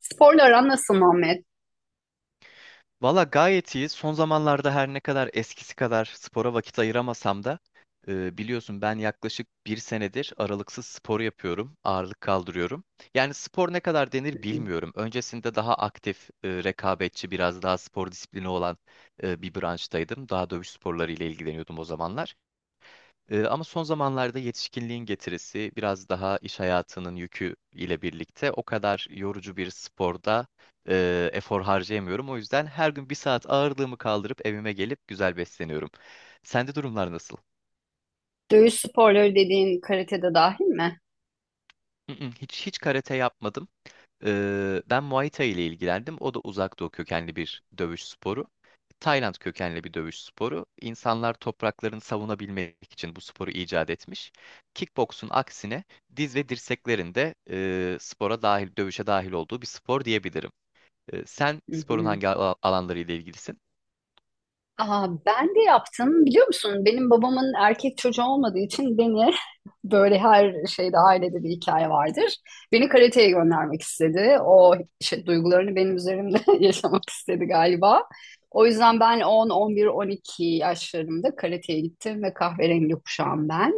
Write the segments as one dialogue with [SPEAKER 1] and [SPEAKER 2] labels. [SPEAKER 1] Sporla aran nasıl Muhammed?
[SPEAKER 2] Valla gayet iyi. Son zamanlarda her ne kadar eskisi kadar spora vakit ayıramasam da biliyorsun ben yaklaşık bir senedir aralıksız spor yapıyorum, ağırlık kaldırıyorum. Yani spor ne kadar denir bilmiyorum. Öncesinde daha aktif, rekabetçi, biraz daha spor disiplini olan bir branştaydım. Daha dövüş sporları ile ilgileniyordum o zamanlar. Ama son zamanlarda yetişkinliğin getirisi biraz daha iş hayatının yükü ile birlikte o kadar yorucu bir sporda efor harcayamıyorum. O yüzden her gün bir saat ağırlığımı kaldırıp evime gelip güzel besleniyorum. Sende durumlar nasıl?
[SPEAKER 1] Dövüş sporları dediğin karatede dahil mi?
[SPEAKER 2] Mm, mm, hiç karate yapmadım. Ben Muay Thai ile ilgilendim. O da uzak doğu kökenli bir dövüş sporu. Tayland kökenli bir dövüş sporu. İnsanlar topraklarını savunabilmek için bu sporu icat etmiş. Kickboksun aksine diz ve dirseklerin de spora dahil, dövüşe dahil olduğu bir spor diyebilirim. Sen
[SPEAKER 1] Hı
[SPEAKER 2] sporun
[SPEAKER 1] hı.
[SPEAKER 2] hangi alanlarıyla ilgilisin?
[SPEAKER 1] Aa, ben de yaptım. Biliyor musun? Benim babamın erkek çocuğu olmadığı için beni böyle her şeyde ailede bir hikaye vardır. Beni karateye göndermek istedi. O şey, duygularını benim üzerimde yaşamak istedi galiba. O yüzden ben 10, 11, 12 yaşlarımda karateye gittim ve kahverengi kuşağım ben.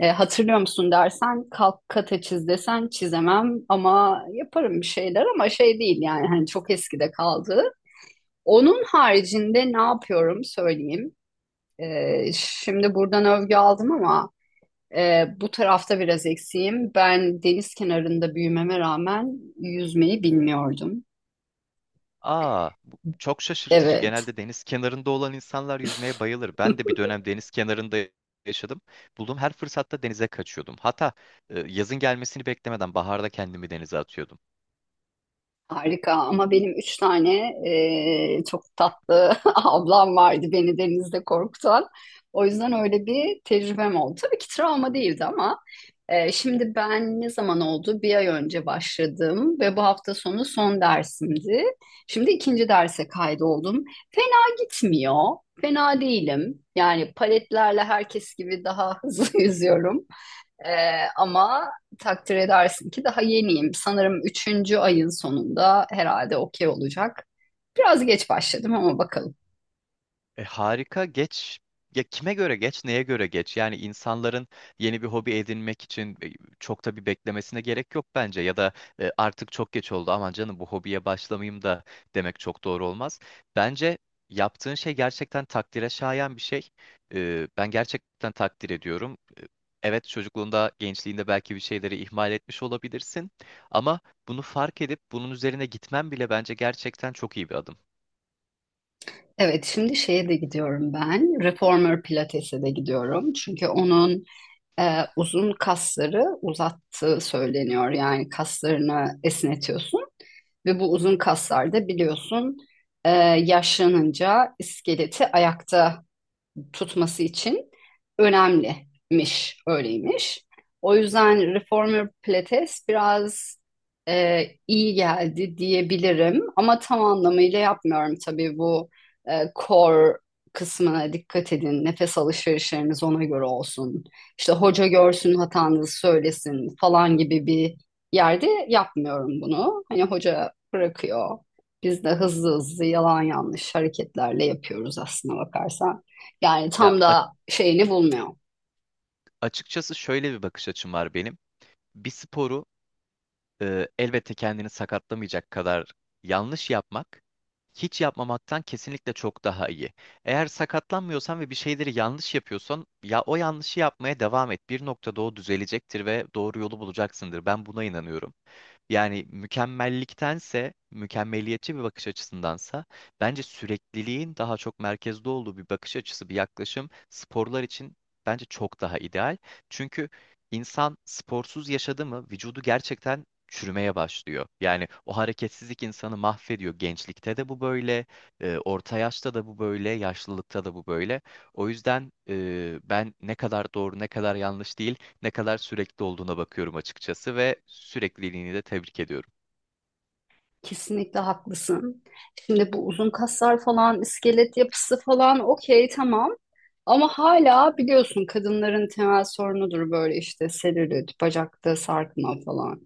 [SPEAKER 1] Hatırlıyor musun dersen kalk kata çiz desen çizemem ama yaparım bir şeyler ama şey değil yani hani çok eskide kaldı. Onun haricinde ne yapıyorum söyleyeyim. Şimdi buradan övgü aldım ama bu tarafta biraz eksiğim. Ben deniz kenarında büyümeme rağmen yüzmeyi bilmiyordum.
[SPEAKER 2] Aa, bu çok şaşırtıcı.
[SPEAKER 1] Evet.
[SPEAKER 2] Genelde deniz kenarında olan insanlar yüzmeye bayılır. Ben de bir dönem deniz kenarında yaşadım. Bulduğum her fırsatta denize kaçıyordum. Hatta yazın gelmesini beklemeden baharda kendimi denize atıyordum.
[SPEAKER 1] Harika ama benim üç tane çok tatlı ablam vardı beni denizde korkutan. O yüzden öyle bir tecrübem oldu. Tabii ki travma değildi ama şimdi ben ne zaman oldu? Bir ay önce başladım ve bu hafta sonu son dersimdi. Şimdi ikinci derse kaydoldum. Fena gitmiyor. Fena değilim. Yani paletlerle herkes gibi daha hızlı yüzüyorum. Ama takdir edersin ki daha yeniyim. Sanırım üçüncü ayın sonunda herhalde okey olacak. Biraz geç başladım ama bakalım.
[SPEAKER 2] Harika geç ya kime göre geç neye göre geç yani insanların yeni bir hobi edinmek için çok da bir beklemesine gerek yok bence ya da artık çok geç oldu aman canım bu hobiye başlamayayım da demek çok doğru olmaz. Bence yaptığın şey gerçekten takdire şayan bir şey. Ben gerçekten takdir ediyorum. Evet çocukluğunda, gençliğinde belki bir şeyleri ihmal etmiş olabilirsin ama bunu fark edip bunun üzerine gitmen bile bence gerçekten çok iyi bir adım.
[SPEAKER 1] Evet, şimdi şeye de gidiyorum ben. Reformer Pilates'e de gidiyorum. Çünkü onun uzun kasları uzattığı söyleniyor. Yani kaslarını esnetiyorsun. Ve bu uzun kaslar da biliyorsun e, yaşlanınca iskeleti ayakta tutması için önemlimiş, öyleymiş. O yüzden Reformer Pilates biraz iyi geldi diyebilirim ama tam anlamıyla yapmıyorum tabii bu core kısmına dikkat edin. Nefes alışverişleriniz ona göre olsun. İşte hoca görsün hatanızı söylesin falan gibi bir yerde yapmıyorum bunu. Hani hoca bırakıyor. Biz de hızlı hızlı yalan yanlış hareketlerle yapıyoruz aslına bakarsan. Yani
[SPEAKER 2] Ya
[SPEAKER 1] tam da şeyini bulmuyor.
[SPEAKER 2] Açıkçası şöyle bir bakış açım var benim. Bir sporu elbette kendini sakatlamayacak kadar yanlış yapmak hiç yapmamaktan kesinlikle çok daha iyi. Eğer sakatlanmıyorsan ve bir şeyleri yanlış yapıyorsan ya o yanlışı yapmaya devam et. Bir noktada o düzelecektir ve doğru yolu bulacaksındır. Ben buna inanıyorum. Yani mükemmelliktense, mükemmeliyetçi bir bakış açısındansa bence sürekliliğin daha çok merkezde olduğu bir bakış açısı, bir yaklaşım sporlar için bence çok daha ideal. Çünkü insan sporsuz yaşadı mı vücudu gerçekten çürümeye başlıyor. Yani o hareketsizlik insanı mahvediyor. Gençlikte de bu böyle, orta yaşta da bu böyle, yaşlılıkta da bu böyle. O yüzden ben ne kadar doğru, ne kadar yanlış değil, ne kadar sürekli olduğuna bakıyorum açıkçası ve sürekliliğini de tebrik ediyorum.
[SPEAKER 1] Kesinlikle haklısın. Şimdi bu uzun kaslar falan, iskelet yapısı falan okey tamam. Ama hala biliyorsun kadınların temel sorunudur böyle işte selülit, bacakta sarkma falan.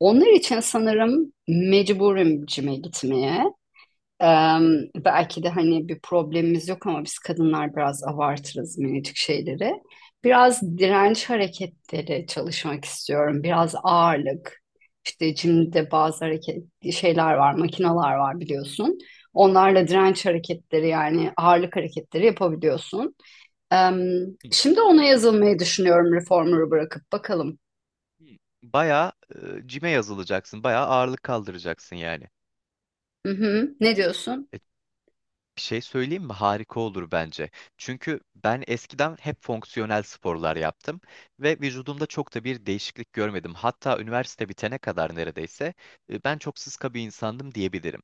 [SPEAKER 1] Onlar için sanırım mecburim cime gitmeye. Belki de hani bir problemimiz yok ama biz kadınlar biraz abartırız minicik şeyleri. Biraz direnç hareketleri çalışmak istiyorum. Biraz ağırlık. İşte jimde bazı hareket şeyler var, makineler var biliyorsun. Onlarla direnç hareketleri yani ağırlık hareketleri yapabiliyorsun. Em,
[SPEAKER 2] Hı.
[SPEAKER 1] Şimdi ona yazılmayı düşünüyorum reformer'ı bırakıp bakalım.
[SPEAKER 2] Bayağı cime yazılacaksın, bayağı ağırlık kaldıracaksın yani.
[SPEAKER 1] Hı hı. Ne diyorsun?
[SPEAKER 2] E, Bir şey söyleyeyim mi? Harika olur bence. Çünkü ben eskiden hep fonksiyonel sporlar yaptım ve vücudumda çok da bir değişiklik görmedim. Hatta üniversite bitene kadar neredeyse ben çok sıska bir insandım diyebilirim.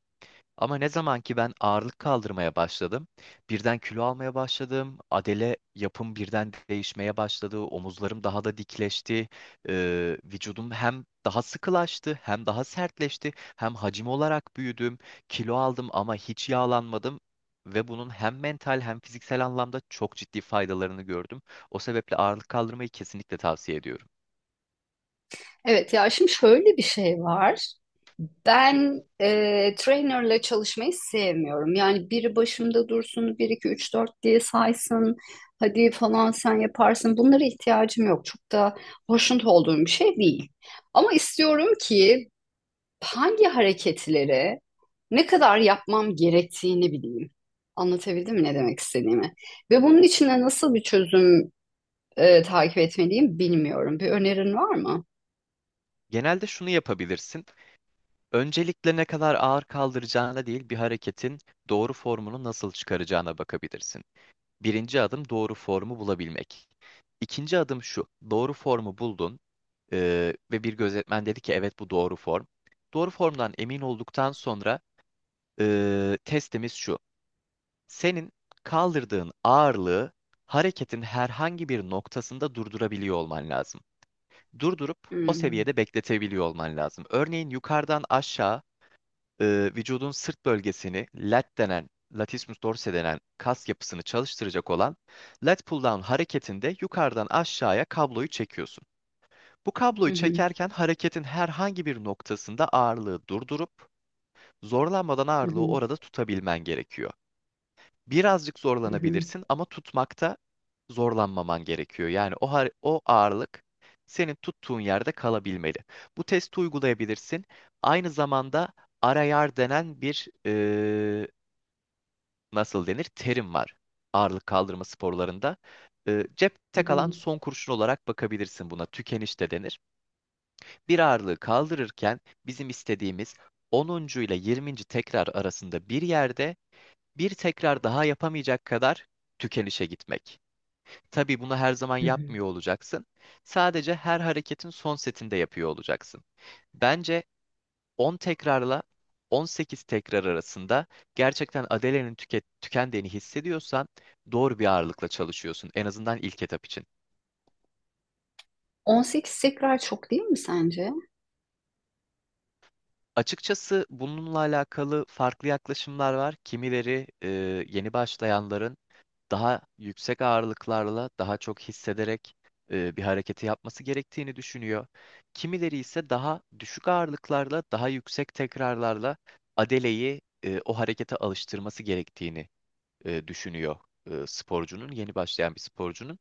[SPEAKER 2] Ama ne zaman ki ben ağırlık kaldırmaya başladım, birden kilo almaya başladım, adele yapım birden değişmeye başladı, omuzlarım daha da dikleşti. Vücudum hem daha sıkılaştı, hem daha sertleşti, hem hacim olarak büyüdüm, kilo aldım ama hiç yağlanmadım ve bunun hem mental hem fiziksel anlamda çok ciddi faydalarını gördüm. O sebeple ağırlık kaldırmayı kesinlikle tavsiye ediyorum.
[SPEAKER 1] Evet ya şimdi şöyle bir şey var. Ben trainerla çalışmayı sevmiyorum. Yani biri başımda dursun, bir 2 3 4 diye saysın, hadi falan sen yaparsın. Bunlara ihtiyacım yok. Çok da hoşnut olduğum bir şey değil. Ama istiyorum ki hangi hareketleri ne kadar yapmam gerektiğini bileyim. Anlatabildim mi ne demek istediğimi? Ve bunun içinde nasıl bir çözüm takip etmeliyim bilmiyorum. Bir önerin var mı?
[SPEAKER 2] Genelde şunu yapabilirsin. Öncelikle ne kadar ağır kaldıracağına değil, bir hareketin doğru formunu nasıl çıkaracağına bakabilirsin. Birinci adım doğru formu bulabilmek. İkinci adım şu, doğru formu buldun ve bir gözetmen dedi ki evet bu doğru form. Doğru formdan emin olduktan sonra testimiz şu. Senin kaldırdığın ağırlığı hareketin herhangi bir noktasında durdurabiliyor olman lazım. Durdurup o
[SPEAKER 1] Hmm.
[SPEAKER 2] seviyede bekletebiliyor olman lazım. Örneğin yukarıdan aşağı vücudun sırt bölgesini lat denen, latissimus dorsi denen kas yapısını çalıştıracak olan lat pull down hareketinde yukarıdan aşağıya kabloyu çekiyorsun. Bu
[SPEAKER 1] Hı
[SPEAKER 2] kabloyu
[SPEAKER 1] hı,
[SPEAKER 2] çekerken hareketin herhangi bir noktasında ağırlığı durdurup zorlanmadan
[SPEAKER 1] hı
[SPEAKER 2] ağırlığı
[SPEAKER 1] hı,
[SPEAKER 2] orada tutabilmen gerekiyor, birazcık
[SPEAKER 1] hı hı,
[SPEAKER 2] zorlanabilirsin ama tutmakta zorlanmaman gerekiyor. Yani o ağırlık senin tuttuğun yerde kalabilmeli. Bu testi uygulayabilirsin. Aynı zamanda arayar denen bir e, nasıl denir terim var ağırlık kaldırma sporlarında.
[SPEAKER 1] hı
[SPEAKER 2] Cepte kalan
[SPEAKER 1] hı,
[SPEAKER 2] son kurşun olarak bakabilirsin buna. Tükeniş de denir. Bir ağırlığı kaldırırken bizim istediğimiz onuncu ile yirminci tekrar arasında bir yerde bir tekrar daha yapamayacak kadar tükenişe gitmek. Tabii bunu her zaman
[SPEAKER 1] hı
[SPEAKER 2] yapmıyor
[SPEAKER 1] hı.
[SPEAKER 2] olacaksın. Sadece her hareketin son setinde yapıyor olacaksın. Bence 10 tekrarla 18 tekrar arasında gerçekten adelenin tükendiğini hissediyorsan doğru bir ağırlıkla çalışıyorsun, en azından ilk etap için.
[SPEAKER 1] 18 tekrar çok değil mi sence?
[SPEAKER 2] Açıkçası bununla alakalı farklı yaklaşımlar var. Kimileri yeni başlayanların daha yüksek ağırlıklarla daha çok hissederek bir hareketi yapması gerektiğini düşünüyor. Kimileri ise daha düşük ağırlıklarla daha yüksek tekrarlarla adeleyi o harekete alıştırması gerektiğini düşünüyor, sporcunun, yeni başlayan bir sporcunun.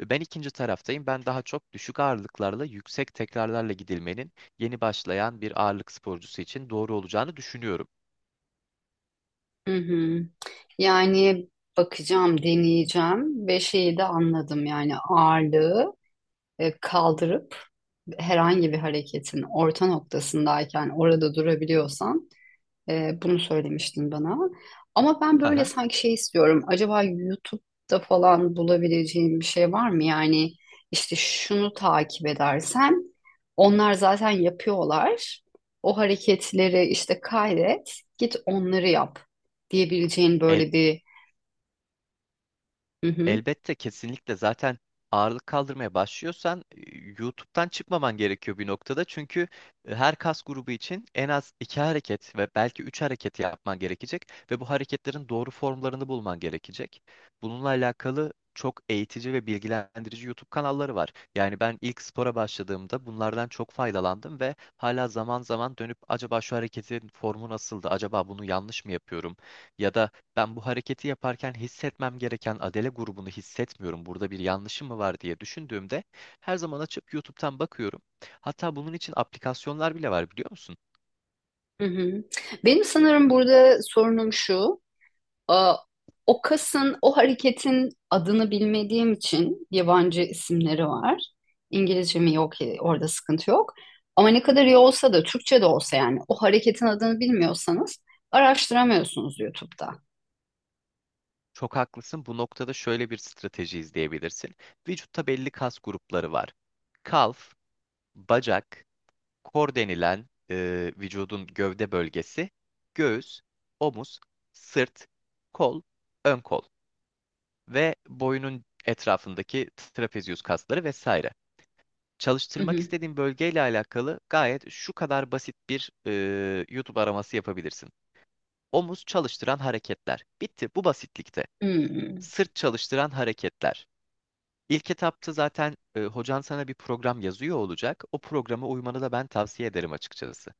[SPEAKER 2] Ben ikinci taraftayım. Ben daha çok düşük ağırlıklarla, yüksek tekrarlarla gidilmenin yeni başlayan bir ağırlık sporcusu için doğru olacağını düşünüyorum.
[SPEAKER 1] Hı hı. Yani bakacağım, deneyeceğim ve şeyi de anladım yani ağırlığı kaldırıp herhangi bir hareketin orta noktasındayken orada durabiliyorsan bunu söylemiştin bana. Ama ben böyle
[SPEAKER 2] Haha.
[SPEAKER 1] sanki şey istiyorum. Acaba YouTube'da falan bulabileceğim bir şey var mı? Yani işte şunu takip edersen onlar zaten yapıyorlar. O hareketleri işte kaydet, git onları yap diyebileceğin
[SPEAKER 2] El,
[SPEAKER 1] böyle bir... Hı hı,
[SPEAKER 2] Elbette kesinlikle zaten ağırlık kaldırmaya başlıyorsan YouTube'dan çıkmaman gerekiyor bir noktada. Çünkü her kas grubu için en az iki hareket ve belki üç hareket yapman gerekecek ve bu hareketlerin doğru formlarını bulman gerekecek. Bununla alakalı çok eğitici ve bilgilendirici YouTube kanalları var. Yani ben ilk spora başladığımda bunlardan çok faydalandım ve hala zaman zaman dönüp acaba şu hareketin formu nasıldı? Acaba bunu yanlış mı yapıyorum? Ya da ben bu hareketi yaparken hissetmem gereken Adele grubunu hissetmiyorum. Burada bir yanlışım mı var diye düşündüğümde her zaman açıp YouTube'dan bakıyorum. Hatta bunun için aplikasyonlar bile var, biliyor musun?
[SPEAKER 1] hı hı. Benim sanırım burada sorunum şu. e, O kasın, o hareketin adını bilmediğim için yabancı isimleri var. İngilizcemi yok, orada sıkıntı yok. Ama ne kadar iyi olsa da, Türkçe de olsa yani o hareketin adını bilmiyorsanız araştıramıyorsunuz YouTube'da.
[SPEAKER 2] Çok haklısın. Bu noktada şöyle bir strateji izleyebilirsin. Vücutta belli kas grupları var. Kalf, bacak, kor denilen vücudun gövde bölgesi, göğüs, omuz, sırt, kol, ön kol ve boyunun etrafındaki trapezius kasları vesaire.
[SPEAKER 1] Hı
[SPEAKER 2] Çalıştırmak
[SPEAKER 1] hı.
[SPEAKER 2] istediğin bölgeyle alakalı gayet şu kadar basit bir YouTube araması yapabilirsin. Omuz çalıştıran hareketler. Bitti bu basitlikte.
[SPEAKER 1] Hmm.
[SPEAKER 2] Sırt çalıştıran hareketler. İlk etapta zaten hocan sana bir program yazıyor olacak. O programa uymanı da ben tavsiye ederim açıkçası.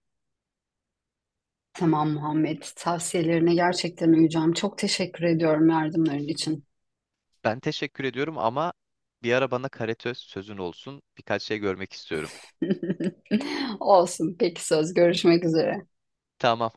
[SPEAKER 1] Tamam Muhammed, tavsiyelerine gerçekten uyacağım. Çok teşekkür ediyorum yardımların için.
[SPEAKER 2] Ben teşekkür ediyorum ama bir ara bana karate sözün olsun. Birkaç şey görmek istiyorum.
[SPEAKER 1] Olsun, peki söz. Görüşmek üzere.
[SPEAKER 2] Tamam.